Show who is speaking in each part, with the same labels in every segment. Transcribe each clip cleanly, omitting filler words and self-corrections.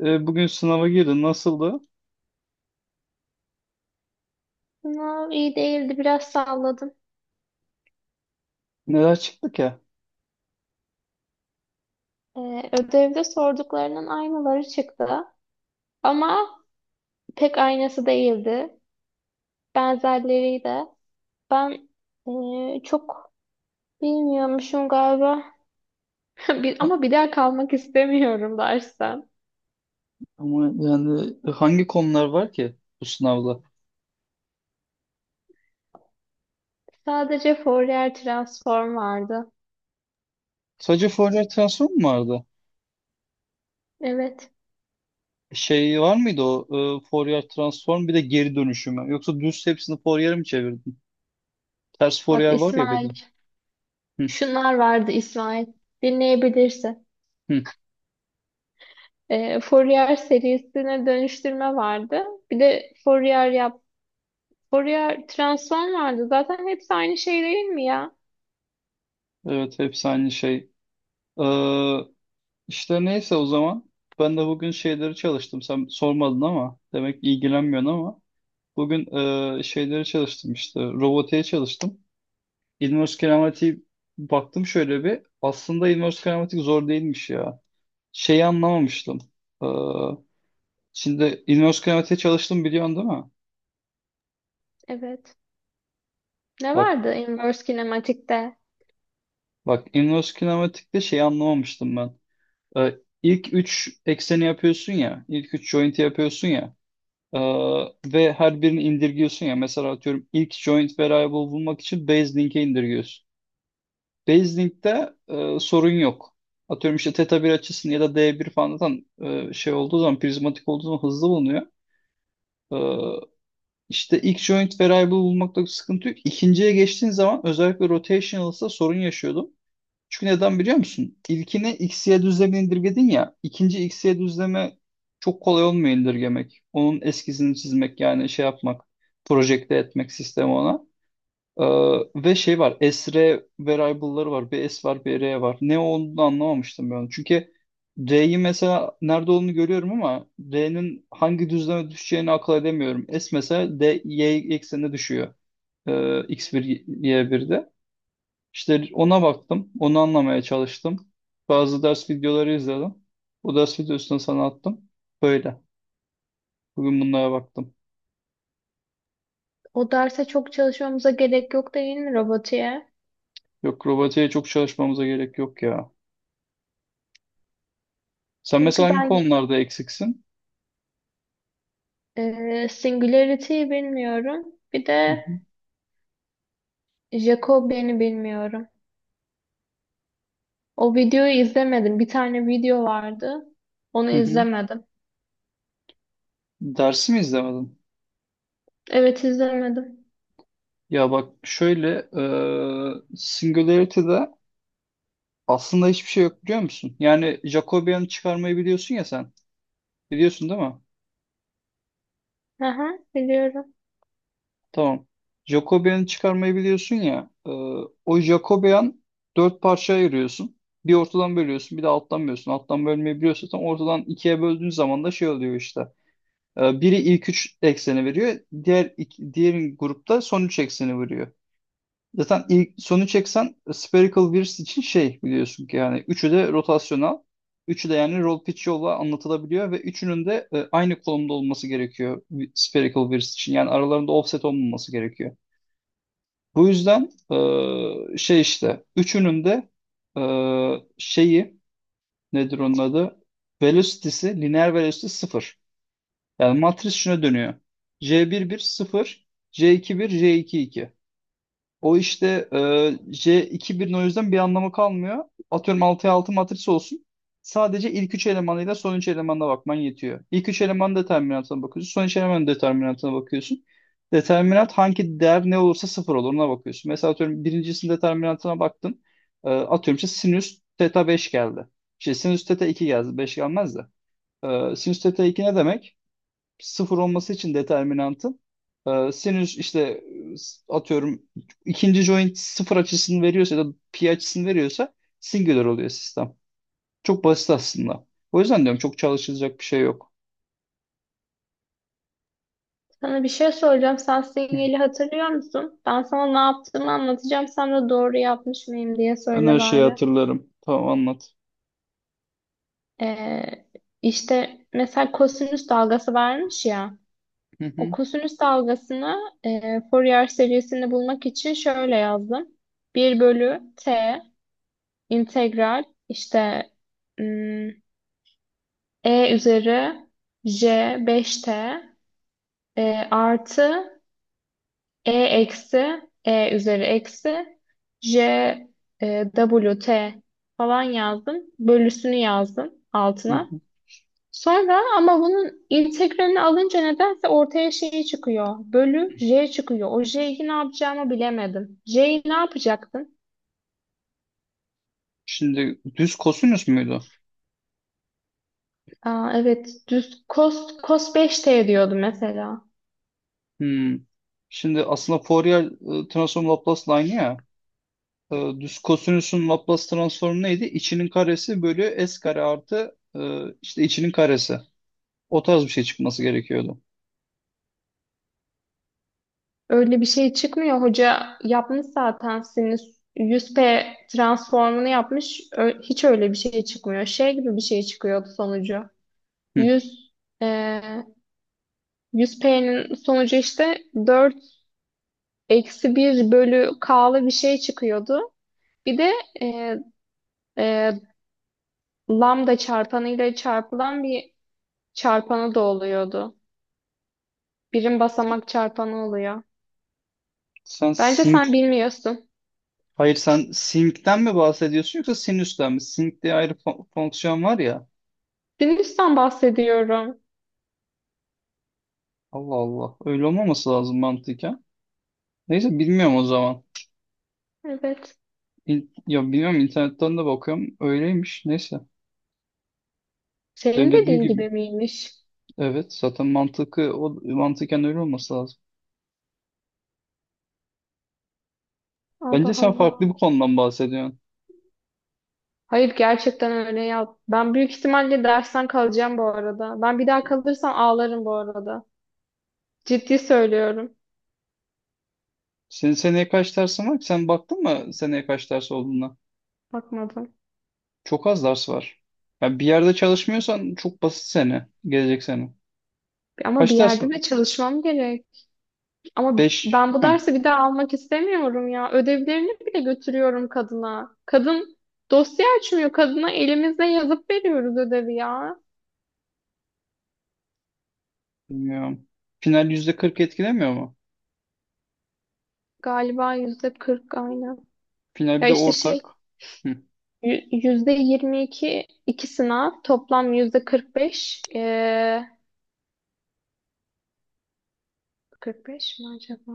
Speaker 1: Bugün sınava girdin. Nasıldı?
Speaker 2: Sınav iyi değildi, biraz salladım.
Speaker 1: Neler çıktı ki?
Speaker 2: Ödevde sorduklarının aynıları çıktı ama pek aynısı değildi. Benzerleriydi. Ben çok bilmiyormuşum galiba.
Speaker 1: Ha-
Speaker 2: Ama bir daha kalmak istemiyorum dersten.
Speaker 1: Ama yani hangi konular var ki bu sınavda?
Speaker 2: Sadece Fourier transform vardı.
Speaker 1: Sadece Fourier transform mu vardı?
Speaker 2: Evet.
Speaker 1: Şey var mıydı o Fourier transform bir de geri dönüşümü? Yoksa düz hepsini Fourier'e mi çevirdin? Ters
Speaker 2: Bak
Speaker 1: Fourier var ya bir de.
Speaker 2: İsmail,
Speaker 1: Hı,
Speaker 2: şunlar vardı İsmail. Dinleyebilirsin.
Speaker 1: hı.
Speaker 2: Fourier serisine dönüştürme vardı. Bir de Fourier transform vardı. Zaten hepsi aynı şey değil mi ya?
Speaker 1: Evet, hepsi aynı şey. Ee, işte neyse o zaman. Ben de bugün şeyleri çalıştım. Sen sormadın ama demek ilgilenmiyorsun ama. Bugün şeyleri çalıştım işte. Robotiğe çalıştım. İlmiyoruz Keramatiği baktım şöyle bir. Aslında İlmiyoruz Keramatik zor değilmiş ya. Şeyi anlamamıştım. Ee, Şimdi İlmiyoruz Keramatik'e çalıştım, biliyorsun değil mi?
Speaker 2: Evet. Ne
Speaker 1: Bak,
Speaker 2: vardı inverse kinematikte?
Speaker 1: bak İlmiyoruz Keramatik'te şeyi anlamamıştım ben. İlk 3 ekseni yapıyorsun ya. İlk 3 joint'i yapıyorsun ya. Ee, Ve her birini indirgiyorsun ya. Mesela atıyorum ilk joint variable bulmak için base link'e indirgiyorsun. Baseling'de sorun yok. Atıyorum işte teta bir açısını ya da d bir falan, zaten şey olduğu zaman, prizmatik olduğu zaman hızlı bulunuyor. E, işte ilk joint variable bulmakta sıkıntı yok. İkinciye geçtiğin zaman özellikle rotational'sa sorun yaşıyordum. Çünkü neden biliyor musun? İlkini x'ye düzlemini indirgedin ya. İkinci x'ye düzleme çok kolay olmuyor indirgemek. Onun eskizini çizmek, yani şey yapmak. Projekte etmek sistemi ona. Ee, Ve şey var. Esre variable'ları var. Bir S var, bir R var. Ne olduğunu anlamamıştım ben. Çünkü R'yi mesela nerede olduğunu görüyorum ama R'nin hangi düzleme düşeceğini akıl edemiyorum. S mesela D, Y eksenine düşüyor. Ee, X1, Y1'de. İşte ona baktım. Onu anlamaya çalıştım. Bazı ders videoları izledim. O ders videosunu sana attım. Böyle. Bugün bunlara baktım.
Speaker 2: O derse çok çalışmamıza gerek yok değil mi robotiğe?
Speaker 1: Yok, robotiğe çok çalışmamıza gerek yok ya. Sen mesela
Speaker 2: Çünkü
Speaker 1: hangi
Speaker 2: ben
Speaker 1: konularda eksiksin?
Speaker 2: Singularity'yi bilmiyorum. Bir de Jacobian'i bilmiyorum. O videoyu izlemedim. Bir tane video vardı. Onu
Speaker 1: Hı hı.
Speaker 2: izlemedim.
Speaker 1: Dersi mi izlemedin?
Speaker 2: Evet izlemedim.
Speaker 1: Ya bak şöyle, Singularity'de aslında hiçbir şey yok, biliyor musun? Yani Jacobian'ı çıkarmayı biliyorsun ya sen. Biliyorsun değil mi?
Speaker 2: Aha, biliyorum.
Speaker 1: Tamam. Jacobian'ı çıkarmayı biliyorsun ya. O Jacobian dört parçaya ayırıyorsun. Bir ortadan bölüyorsun, bir de alttan bölüyorsun. Alttan bölmeyi biliyorsun. Tam ortadan ikiye böldüğün zaman da şey oluyor işte. Biri ilk üç ekseni veriyor. Diğer grupta son üç ekseni veriyor. Zaten ilk sonu çeksen spherical Wheels için şey, biliyorsun ki yani üçü de rotasyonel. Üçü de yani roll pitch yolla anlatılabiliyor ve üçünün de aynı konumda olması gerekiyor spherical Wheels için. Yani aralarında offset olmaması gerekiyor. Bu yüzden şey işte üçünün de e, şeyi, nedir onun adı? Velocity'si, lineer velocity sıfır. Yani matris şuna dönüyor. J11 sıfır, J21, J22. O işte, J2-1'in o yüzden bir anlamı kalmıyor. Atıyorum 6'ya 6 matris olsun. Sadece ilk 3 elemanıyla son 3 elemanına bakman yetiyor. İlk 3 elemanın determinantına bakıyorsun. Son 3 elemanın determinantına bakıyorsun. Determinant hangi değer ne olursa sıfır olur, ona bakıyorsun. Mesela atıyorum birincisinin determinantına baktın. Atıyorum işte sinüs teta 5 geldi. İşte sinüs teta 2 geldi. 5 gelmez de. Sinüs teta 2 ne demek? Sıfır olması için determinantın, sinüs işte, atıyorum ikinci joint sıfır açısını veriyorsa ya da pi açısını veriyorsa singular oluyor sistem. Çok basit aslında. O yüzden diyorum çok çalışılacak bir şey yok.
Speaker 2: Sana bir şey soracağım. Sen
Speaker 1: Hı.
Speaker 2: sinyali hatırlıyor musun? Ben sana ne yaptığımı anlatacağım. Sen de doğru yapmış mıyım diye
Speaker 1: Ben
Speaker 2: söyle
Speaker 1: her şeyi
Speaker 2: bari.
Speaker 1: hatırlarım. Tamam, anlat.
Speaker 2: Ee, işte mesela kosinüs dalgası vermiş ya.
Speaker 1: Hı
Speaker 2: O
Speaker 1: hı.
Speaker 2: kosinüs dalgasını Fourier serisini bulmak için şöyle yazdım. 1 bölü t integral işte ım, e üzeri j 5t artı E eksi E üzeri eksi J W T falan yazdım. Bölüsünü yazdım
Speaker 1: Hı
Speaker 2: altına.
Speaker 1: hı.
Speaker 2: Sonra ama bunun integralini alınca nedense ortaya şey çıkıyor. Bölü J çıkıyor. O J'yi ne yapacağımı bilemedim. J'yi ne yapacaktım?
Speaker 1: Şimdi düz kosinüs müydü?
Speaker 2: Aa, evet, düz cos, cos beş t diyordum mesela.
Speaker 1: Hmm. Şimdi aslında Fourier transform Laplace line'ı ya. Düz kosinüsün Laplace transformu neydi? İçinin karesi bölü s kare artı işte içinin karesi. O tarz bir şey çıkması gerekiyordu.
Speaker 2: Öyle bir şey çıkmıyor. Hoca yapmış zaten sinüs yüz p transformunu yapmış. Hiç öyle bir şey çıkmıyor. Şey gibi bir şey çıkıyordu sonucu.
Speaker 1: Hı.
Speaker 2: 100 e, 100P'nin sonucu işte 4 eksi bir bölü K'lı bir şey çıkıyordu. Bir de e, e, lambda çarpanıyla çarpılan bir çarpanı da oluyordu. Birim basamak çarpanı oluyor.
Speaker 1: Sen
Speaker 2: Bence
Speaker 1: sync
Speaker 2: sen bilmiyorsun.
Speaker 1: Hayır, sen sync'ten mi bahsediyorsun yoksa sinüsten mi? Sync diye ayrı fonksiyon var ya.
Speaker 2: Sinüsten bahsediyorum.
Speaker 1: Allah Allah. Öyle olmaması lazım mantıken. Neyse, bilmiyorum o zaman.
Speaker 2: Evet.
Speaker 1: Ya bilmiyorum, internetten de bakıyorum. Öyleymiş. Neyse. Benim
Speaker 2: Senin
Speaker 1: dediğim
Speaker 2: dediğin
Speaker 1: gibi.
Speaker 2: gibi miymiş?
Speaker 1: Evet, zaten mantıklı, o mantıken öyle olması lazım. Bence
Speaker 2: Allah
Speaker 1: sen
Speaker 2: Allah.
Speaker 1: farklı bir konudan bahsediyorsun.
Speaker 2: Hayır, gerçekten öyle ya. Ben büyük ihtimalle dersten kalacağım bu arada. Ben bir daha kalırsam ağlarım bu arada. Ciddi söylüyorum.
Speaker 1: Senin seneye kaç dersin var ki? Sen baktın mı seneye kaç ders olduğuna?
Speaker 2: Bakmadım.
Speaker 1: Çok az ders var. Ya bir yerde çalışmıyorsan çok basit sene. Gelecek sene.
Speaker 2: Ama bir
Speaker 1: Kaç ders var?
Speaker 2: yerde de çalışmam gerek. Ama
Speaker 1: 5.
Speaker 2: ben bu dersi bir daha almak istemiyorum ya. Ödevlerini bile götürüyorum kadına. Kadın dosya açmıyor. Kadına elimizle yazıp veriyoruz ödevi ya.
Speaker 1: Bilmiyorum. Final %40 etkilemiyor mu?
Speaker 2: Galiba %40 aynı.
Speaker 1: Final
Speaker 2: Ya
Speaker 1: bir de
Speaker 2: işte şey.
Speaker 1: ortak. Hı.
Speaker 2: %22, iki sınav, toplam yüzde 45, 45 mi acaba?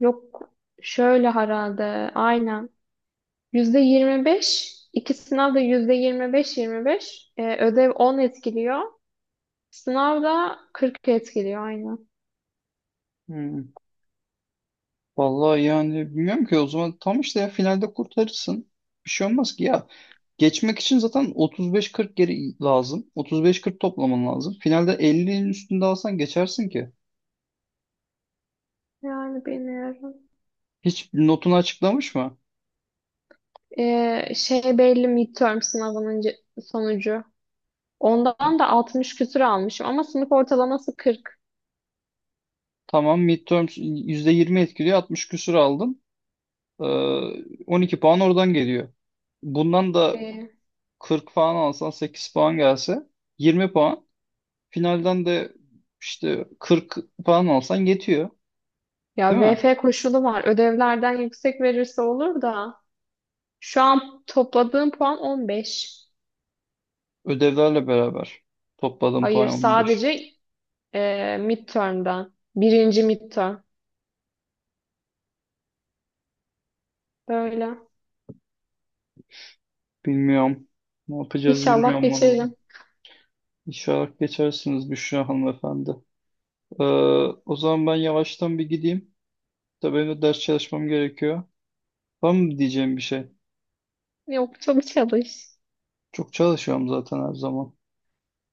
Speaker 2: Yok, şöyle herhalde, aynen, yüzde 25 iki sınav da yüzde 25, 25. Ödev 10 etkiliyor, sınav da 40 etkiliyor aynen.
Speaker 1: Hı. Vallahi yani bilmiyorum ki o zaman, tam işte ya finalde kurtarırsın. Bir şey olmaz ki ya. Geçmek için zaten 35-40 geri lazım. 35-40 toplaman lazım. Finalde 50'nin üstünde alsan geçersin ki.
Speaker 2: Yani bilmiyorum.
Speaker 1: Hiç notunu açıklamış mı?
Speaker 2: Şey belli, midterm sınavının sonucu. Ondan da 60 küsür almışım ama sınıf ortalaması 40.
Speaker 1: Tamam, midterms %20 etkiliyor. 60 küsur aldın. Ee, 12 puan oradan geliyor. Bundan da
Speaker 2: Ee,
Speaker 1: 40 puan alsan, 8 puan gelse, 20 puan. Finalden de işte 40 puan alsan yetiyor.
Speaker 2: Ya
Speaker 1: Değil mi?
Speaker 2: VF koşulu var. Ödevlerden yüksek verirse olur da. Şu an topladığım puan 15.
Speaker 1: Ödevlerle beraber topladığım puan
Speaker 2: Hayır,
Speaker 1: 15.
Speaker 2: sadece midterm'den. Birinci midterm. Böyle.
Speaker 1: Bilmiyorum. Ne yapacağız
Speaker 2: İnşallah
Speaker 1: bilmiyorum valla.
Speaker 2: geçerim.
Speaker 1: İnşallah geçersiniz Büşra hanımefendi. Ee, O zaman ben yavaştan bir gideyim. Tabii benim de ders çalışmam gerekiyor. Var mı diyeceğim bir şey?
Speaker 2: Yok, çok çalış.
Speaker 1: Çok çalışıyorum zaten her zaman.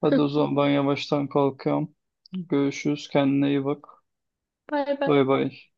Speaker 1: Hadi o zaman ben yavaştan kalkıyorum. Görüşürüz. Kendine iyi bak.
Speaker 2: Bay bay.
Speaker 1: Bay bay.